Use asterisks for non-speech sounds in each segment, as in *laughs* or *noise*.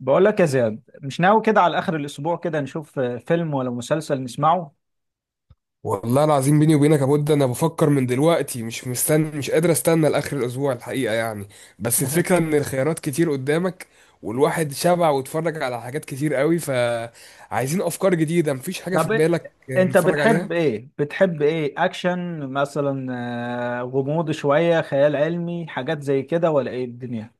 بقول لك يا زياد، مش ناوي كده على آخر الأسبوع كده نشوف فيلم ولا مسلسل نسمعه. والله العظيم بيني وبينك يا بود، انا بفكر من دلوقتي، مش مستني، مش قادر استنى لاخر الاسبوع الحقيقه يعني. بس الفكره *laughs* ان الخيارات كتير قدامك. والواحد شبع واتفرج على حاجات كتير قوي، فعايزين افكار جديده. مفيش حاجه في طب، بالك أنت نتفرج عليها؟ بتحب إيه؟ أكشن مثلا، غموض، شوية خيال علمي، حاجات زي كده، ولا إيه الدنيا؟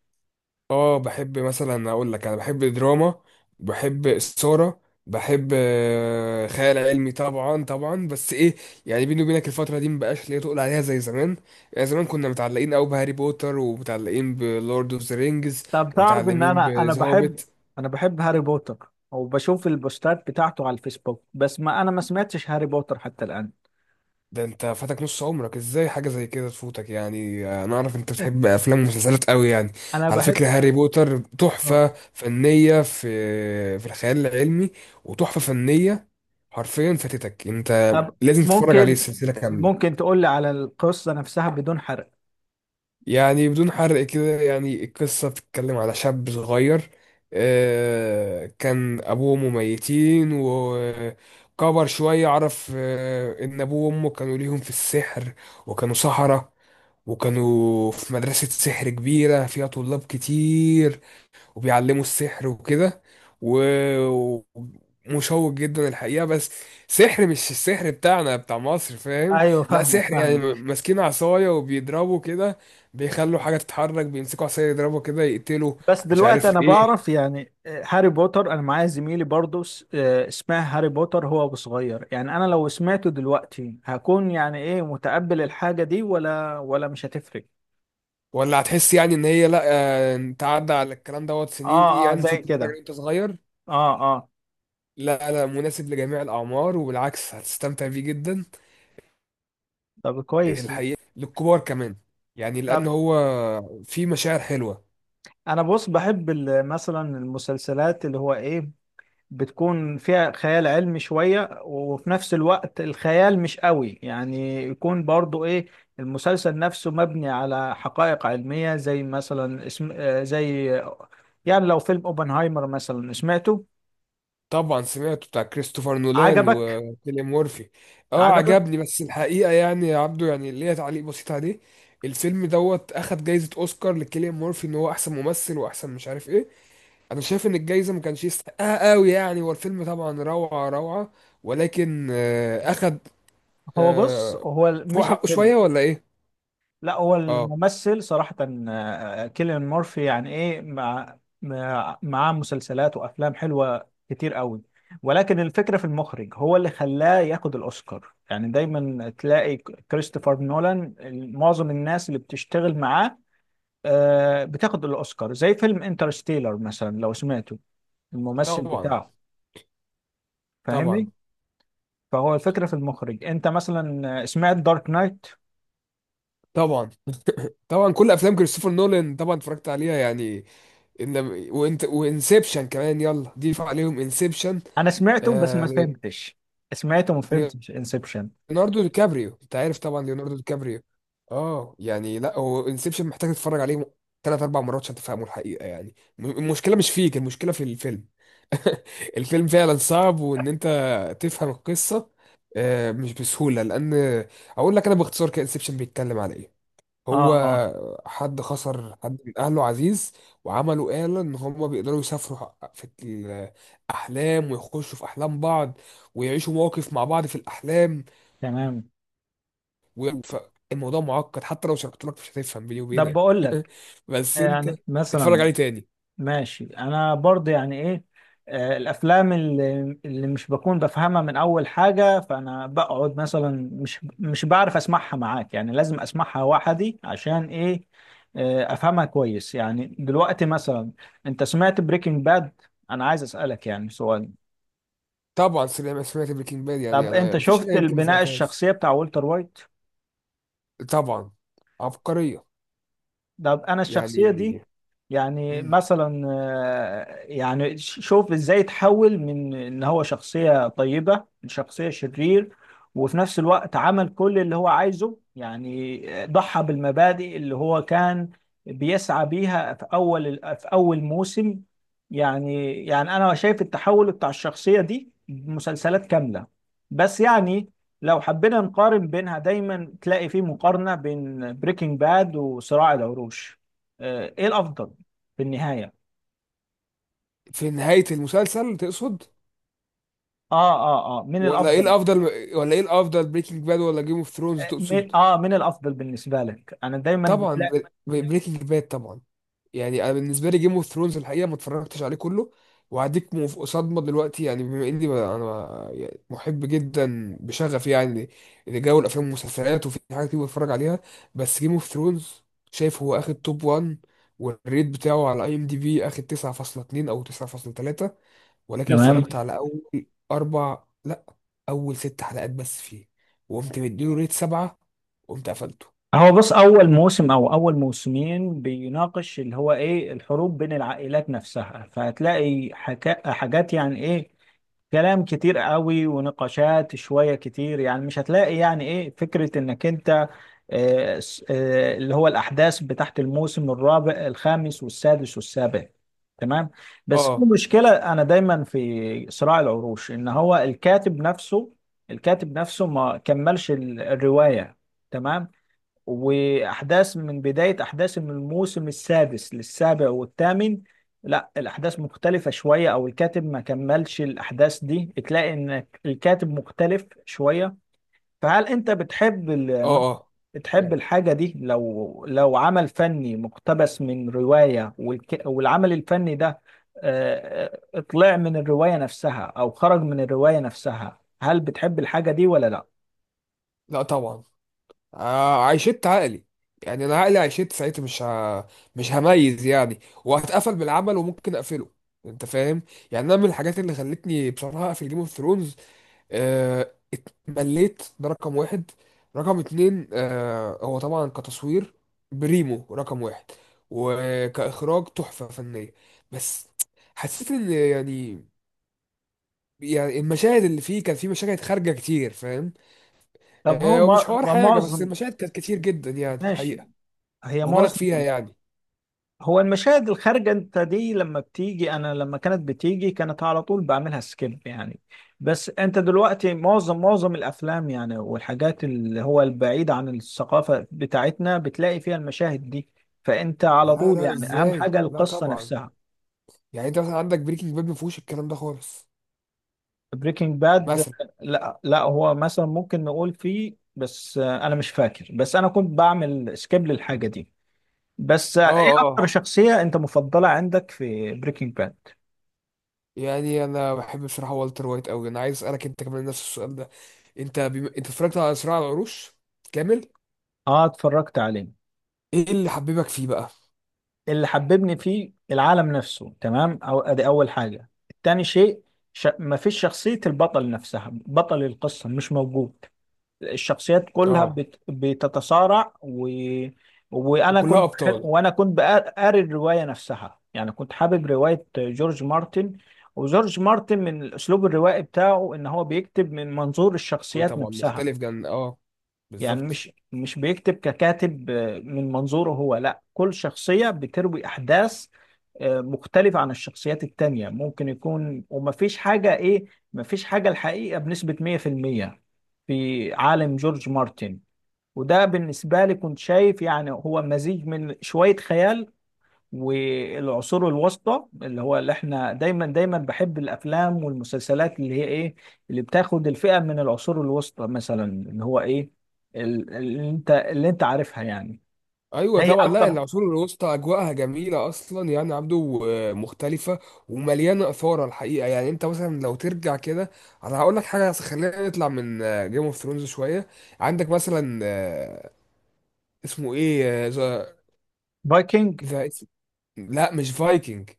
اه بحب مثلا. اقول لك، انا بحب دراما. بحب الصورة. بحب خيال علمي طبعا طبعا، بس ايه، يعني بيني وبينك الفترة دي مبقاش ليا تقول عليها زي زمان. يعني زمان كنا متعلقين قوي بهاري بوتر، ومتعلقين بلورد اوف ذا رينجز، طب تعرف إن ومتعلقين أنا بذا بحب. هوبيت. أنا بحب هاري بوتر وبشوف البوستات بتاعته على الفيسبوك، بس ما أنا ما سمعتش هاري بوتر حتى الآن. ده انت فاتك نص عمرك! ازاي حاجة زي كده تفوتك يعني؟ انا اعرف انت بتحب *laughs* افلام ومسلسلات قوي يعني. أنا على بحب فكرة، هاري بوتر آه. تحفة فنية في الخيال العلمي. وتحفة فنية. حرفيا فاتتك انت. طب لازم تتفرج عليه ممكن السلسله كامله. ممكن تقول لي على القصة نفسها بدون حرق. يعني بدون حرق كده، يعني القصه بتتكلم على شاب صغير. كان ابوه مميتين وكبر شويه، عرف ان ابوه وامه كانوا ليهم في السحر. وكانوا سحره. وكانوا في مدرسه سحر كبيره فيها طلاب كتير، وبيعلموا السحر وكده. و- ومشوق جدا الحقيقة، بس سحر مش السحر بتاعنا بتاع مصر، فاهم؟ أيوه، لا، فاهمك سحر يعني فاهمك. ماسكين عصاية وبيضربوا كده. بيخلوا حاجة تتحرك، بيمسكوا عصاية، يضربوا كده، يقتلوا. بس مش دلوقتي انا عارف ايه. بعرف يعني هاري بوتر، انا معايا زميلي برضو اسمها هاري بوتر، هو أبو صغير. يعني انا لو سمعته دلوقتي هكون يعني ايه، متقبل الحاجة دي ولا مش هتفرق؟ ولا هتحس يعني ان هي لا. انت عدى على الكلام دوت سنين اه، اه، يعني، زي فوت تتفرج عليه كده. وانت صغير. اه، اه. لا، لا، مناسب لجميع الأعمار، وبالعكس هتستمتع بيه جدا. طب كويس. الحقيقة للكبار كمان. يعني لأن طب هو فيه مشاعر حلوة. انا بص، بحب مثلا المسلسلات اللي هو ايه، بتكون فيها خيال علمي شوية، وفي نفس الوقت الخيال مش قوي، يعني يكون برضو ايه، المسلسل نفسه مبني على حقائق علمية، زي مثلا اسم، زي، يعني لو فيلم اوبنهايمر مثلا سمعته. طبعا سمعته، بتاع كريستوفر نولان عجبك؟ وكيليان مورفي. اه عجبك؟ عجبني، بس الحقيقه يعني يا عبدو، يعني ليا تعليق بسيط عليه. الفيلم دوت اخد جايزه اوسكار لكيليان مورفي ان هو احسن ممثل واحسن مش عارف ايه. انا شايف ان الجايزه ما كانش يستحقها قوي يعني. هو الفيلم طبعا روعه روعه، ولكن اخد *laughs* هو بص، آه، هو فوق مش حقه الفيلم. شويه، ولا ايه؟ لا، هو اه الممثل صراحة. كيليان مورفي يعني ايه، معاه مسلسلات وافلام حلوة كتير قوي. ولكن الفكرة في المخرج، هو اللي خلاه ياخد الاوسكار. يعني دايما تلاقي كريستوفر نولان، معظم الناس اللي بتشتغل معاه بتاخد الاوسكار، زي فيلم انترستيلر مثلا لو سمعته. الممثل طبعا بتاعه، طبعا فاهمني؟ فهو الفكرة في المخرج. انت مثلا سمعت دارك نايت؟ طبعا طبعا، كل افلام كريستوفر نولان طبعا اتفرجت عليها يعني. إن. وانسبشن كمان، يلا ضيف عليهم انسبشن. انا سمعته بس ما آه... فهمتش. سمعته ما لي- فهمتش انسبشن. ليوناردو دي كابريو، انت عارف طبعا ليوناردو دي كابريو. اه يعني، لا هو انسبشن محتاج تتفرج عليه ثلاث اربع مرات عشان تفهمه الحقيقه يعني. المشكله مش فيك، المشكله في الفيلم. *laughs* الفيلم فعلا صعب، وان انت تفهم القصه مش بسهوله، لان اقول لك انا باختصار كده انسبشن بيتكلم على ايه. اه، هو اه، حد خسر حد من اهله عزيز، وعملوا آلة ان هم بيقدروا يسافروا في الاحلام، ويخشوا في احلام بعض، ويعيشوا مواقف مع بعض في الاحلام. تمام. الموضوع معقد، حتى لو شرحت لك مش هتفهم بيني طب وبينك. بقول لك، بس انت يعني اتفرج مثلا، عليه تاني. ماشي، انا برضه يعني ايه، الافلام اللي مش بكون بفهمها من اول حاجه، فانا بقعد مثلا مش بعرف اسمعها معاك، يعني لازم اسمعها وحدي عشان ايه، افهمها كويس. يعني دلوقتي مثلا، انت سمعت بريكنج باد؟ انا عايز اسالك يعني سؤال. طبعا سمعت بريكنج باد، يعني طب انت انا مفيش حاجه شفت يمكن ما البناء سمعتهاش. الشخصيه بتاع والتر وايت. طبعا. عبقريه. طب انا الشخصيه يعني، دي، يعني مم. مثلا، يعني شوف ازاي تحول من ان هو شخصيه طيبه لشخصيه شرير. وفي نفس الوقت عمل كل اللي هو عايزه، يعني ضحى بالمبادئ اللي هو كان بيسعى بيها في اول موسم. يعني انا شايف التحول بتاع الشخصيه دي مسلسلات كامله. بس يعني، لو حبينا نقارن بينها دايما تلاقي في مقارنة بين بريكنج باد وصراع العروش. ايه الافضل في النهاية؟ في نهايه المسلسل تقصد؟ اه، اه، اه، من ولا ايه الافضل. الافضل؟ ولا ايه الافضل، بريكنج باد ولا جيم اوف ثرونز، تقصد؟ من الافضل بالنسبة لك؟ انا دايما طبعا. بتلاقي. بريكنج باد طبعا. يعني انا بالنسبه لي جيم اوف ثرونز الحقيقه ما اتفرجتش عليه كله، وهديك صدمه دلوقتي، يعني بما اني انا يعني محب جدا بشغف يعني لجو الافلام والمسلسلات، وفي حاجات كتير بتفرج عليها. بس جيم اوف ثرونز، شايف هو اخد توب 1، والريت بتاعه على IMDB اخد 9.2 او 9.3، ولكن تمام. اتفرجت على اول اربع، لا اول 6 حلقات بس فيه، وقمت مديله ريت 7، وقمت قفلته. هو بص، اول موسم او اول موسمين بيناقش اللي هو ايه الحروب بين العائلات نفسها، فهتلاقي حاجات يعني ايه، كلام كتير قوي ونقاشات شوية كتير، يعني مش هتلاقي يعني ايه فكرة انك انت اللي هو الأحداث بتاعت الموسم الرابع الخامس والسادس والسابع. تمام. بس في اه مشكلة، أنا دايما في صراع العروش إن هو الكاتب نفسه ما كملش الرواية. تمام. وأحداث من بداية أحداث من الموسم السادس للسابع والثامن، لا، الأحداث مختلفة شوية، أو الكاتب ما كملش الأحداث دي، تلاقي إن الكاتب مختلف شوية. فهل أنت اه اه، تحب يعني الحاجة دي؟ لو عمل فني مقتبس من رواية والعمل الفني ده، طلع من الرواية نفسها أو خرج من الرواية نفسها، هل بتحب الحاجة دي ولا لا؟ لا طبعا. عيشت عقلي. يعني انا عقلي عيشت ساعتها، مش هميز يعني، وهتقفل بالعمل وممكن اقفله، انت فاهم. يعني انا من الحاجات اللي خلتني بصراحه اقفل جيم اوف ثرونز، اتمليت. ده رقم واحد. رقم اتنين، هو طبعا كتصوير بريمو رقم واحد، وكاخراج تحفه فنيه. بس حسيت ان يعني، يعني المشاهد اللي فيه كان فيه مشاهد خارجه كتير، فاهم؟ طب هو ومش ما حوار ما حاجة، بس معظم. المشاهد كانت كتير جدا يعني ماشي. الحقيقة، هي مبالغ معظم. فيها يعني. هو المشاهد الخارجة انت دي، لما بتيجي، انا لما كانت بتيجي كانت على طول بعملها سكيب يعني. بس انت دلوقتي، معظم الافلام يعني، والحاجات اللي هو البعيدة عن الثقافة بتاعتنا، بتلاقي فيها المشاهد دي. فانت على لا، طول لا، يعني اهم ازاي؟ حاجة لا القصة طبعا. نفسها. يعني انت مثلا عندك بريكنج باد ما فيهوش الكلام ده خالص. بريكنج باد، مثلا. لا، لا. هو مثلا ممكن نقول فيه، بس انا مش فاكر، بس انا كنت بعمل سكيب للحاجة دي. بس اه ايه اكتر اه، شخصية انت مفضلة عندك في بريكنج باد؟ يعني انا بحب بصراحة والتر وايت قوي. انا عايز اسألك انت كمان نفس السؤال ده. انت اتفرجت على صراع العروش كامل؟ اه، اتفرجت عليه. ايه اللي حببك فيه بقى؟ اللي حببني فيه العالم نفسه، تمام، أو ادي اول حاجه. تاني شيء، مفيش شخصيه البطل نفسها، بطل القصه مش موجود، الشخصيات كلها اه، بتتصارع و... وانا وكلها كنت ابطال. وانا كنت قاري الروايه نفسها، يعني كنت حابب روايه جورج مارتن. وجورج مارتن من الاسلوب الروائي بتاعه، ان هو بيكتب من منظور الشخصيات طبعا نفسها. مختلف جدا، اه. يعني بالظبط. مش بيكتب ككاتب من منظوره هو، لا، كل شخصية بتروي أحداث مختلفة عن الشخصيات التانية، ممكن يكون ومفيش حاجة إيه، مفيش حاجة الحقيقة بنسبة 100% في المية في عالم جورج مارتن. وده بالنسبة لي كنت شايف يعني هو مزيج من شوية خيال والعصور الوسطى، اللي هو اللي احنا دايما دايما بحب الافلام والمسلسلات اللي هي ايه، اللي بتاخد الفئة من العصور الوسطى مثلا اللي هو ايه، اللي انت عارفها يعني. ايوه هي طبعا، لا اكتر. العصور الوسطى اجواءها جميله اصلا يعني عبده، مختلفه. ومليانه اثاره الحقيقه يعني. انت مثلا لو ترجع كده، انا هقول لك حاجه، بس خلينا نطلع من جيم اوف ثرونز شويه. عندك مثلا، اسمه ايه، ذا، فايكنج. ذا، لا مش فايكنج،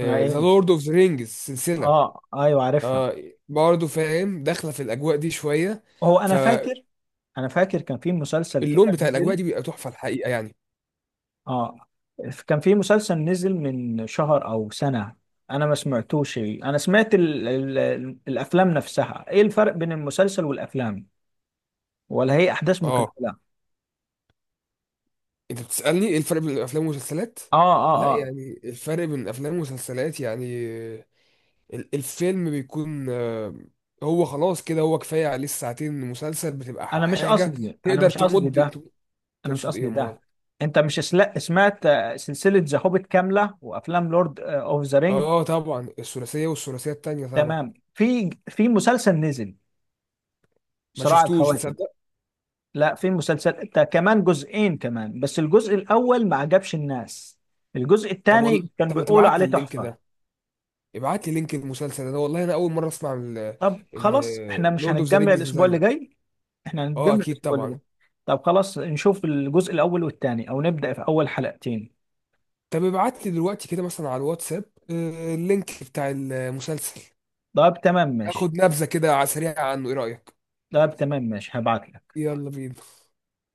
ما ذا ايه. لورد اوف ذا رينجز سلسله. اه، ايوه، عارفها. آه برضه فاهم، داخله في الاجواء دي شويه، هو انا فاللون فاكر انا فاكر كان في مسلسل كده بتاع الاجواء نزل. دي بيبقى تحفه الحقيقه يعني. اه، كان في مسلسل نزل من شهر او سنة. انا ما سمعتوش، انا سمعت ال الافلام نفسها. ايه الفرق بين المسلسل والافلام، ولا هي احداث اه، مكمله؟ انت بتسألني ايه الفرق بين الافلام والمسلسلات؟ اه، اه، لا اه، يعني الفرق بين الافلام والمسلسلات يعني، الفيلم بيكون هو خلاص كده، هو كفاية عليه الساعتين. المسلسل بتبقى انا مش حاجة قصدي انا تقدر مش قصدي تمد ده انا مش تقصد ايه يا قصدي امال؟ ده. انت مش سمعت سلسله ذا هوبيت كامله وافلام لورد اوف ذا رينج؟ اه طبعا، الثلاثية والثلاثية التانية طبعا. تمام. في مسلسل نزل، ما صراع شفتوش، الخواتم. تصدق. لا، في مسلسل ده كمان جزئين كمان. بس الجزء الاول ما عجبش الناس، الجزء طب الثاني والله، كان طب ما بيقولوا تبعت لي عليه اللينك تحفه. ده، ابعت لي لينك المسلسل ده والله، انا اول مرة اسمع طب ان خلاص، احنا مش لورد اوف ذا هنتجمع رينجز الاسبوع نزل اللي لي. جاي؟ احنا اه هنتجمع اكيد الاسبوع اللي جاي. طبعا. طب خلاص نشوف الجزء الاول والثاني، او نبدا في اول حلقتين. طب ابعت لي دلوقتي كده مثلا على الواتساب، اللينك بتاع المسلسل. طب تمام ماشي. اخد نبذة كده على سريعة عنه، ايه رأيك؟ طب تمام ماشي، هبعت لك. يلا بينا.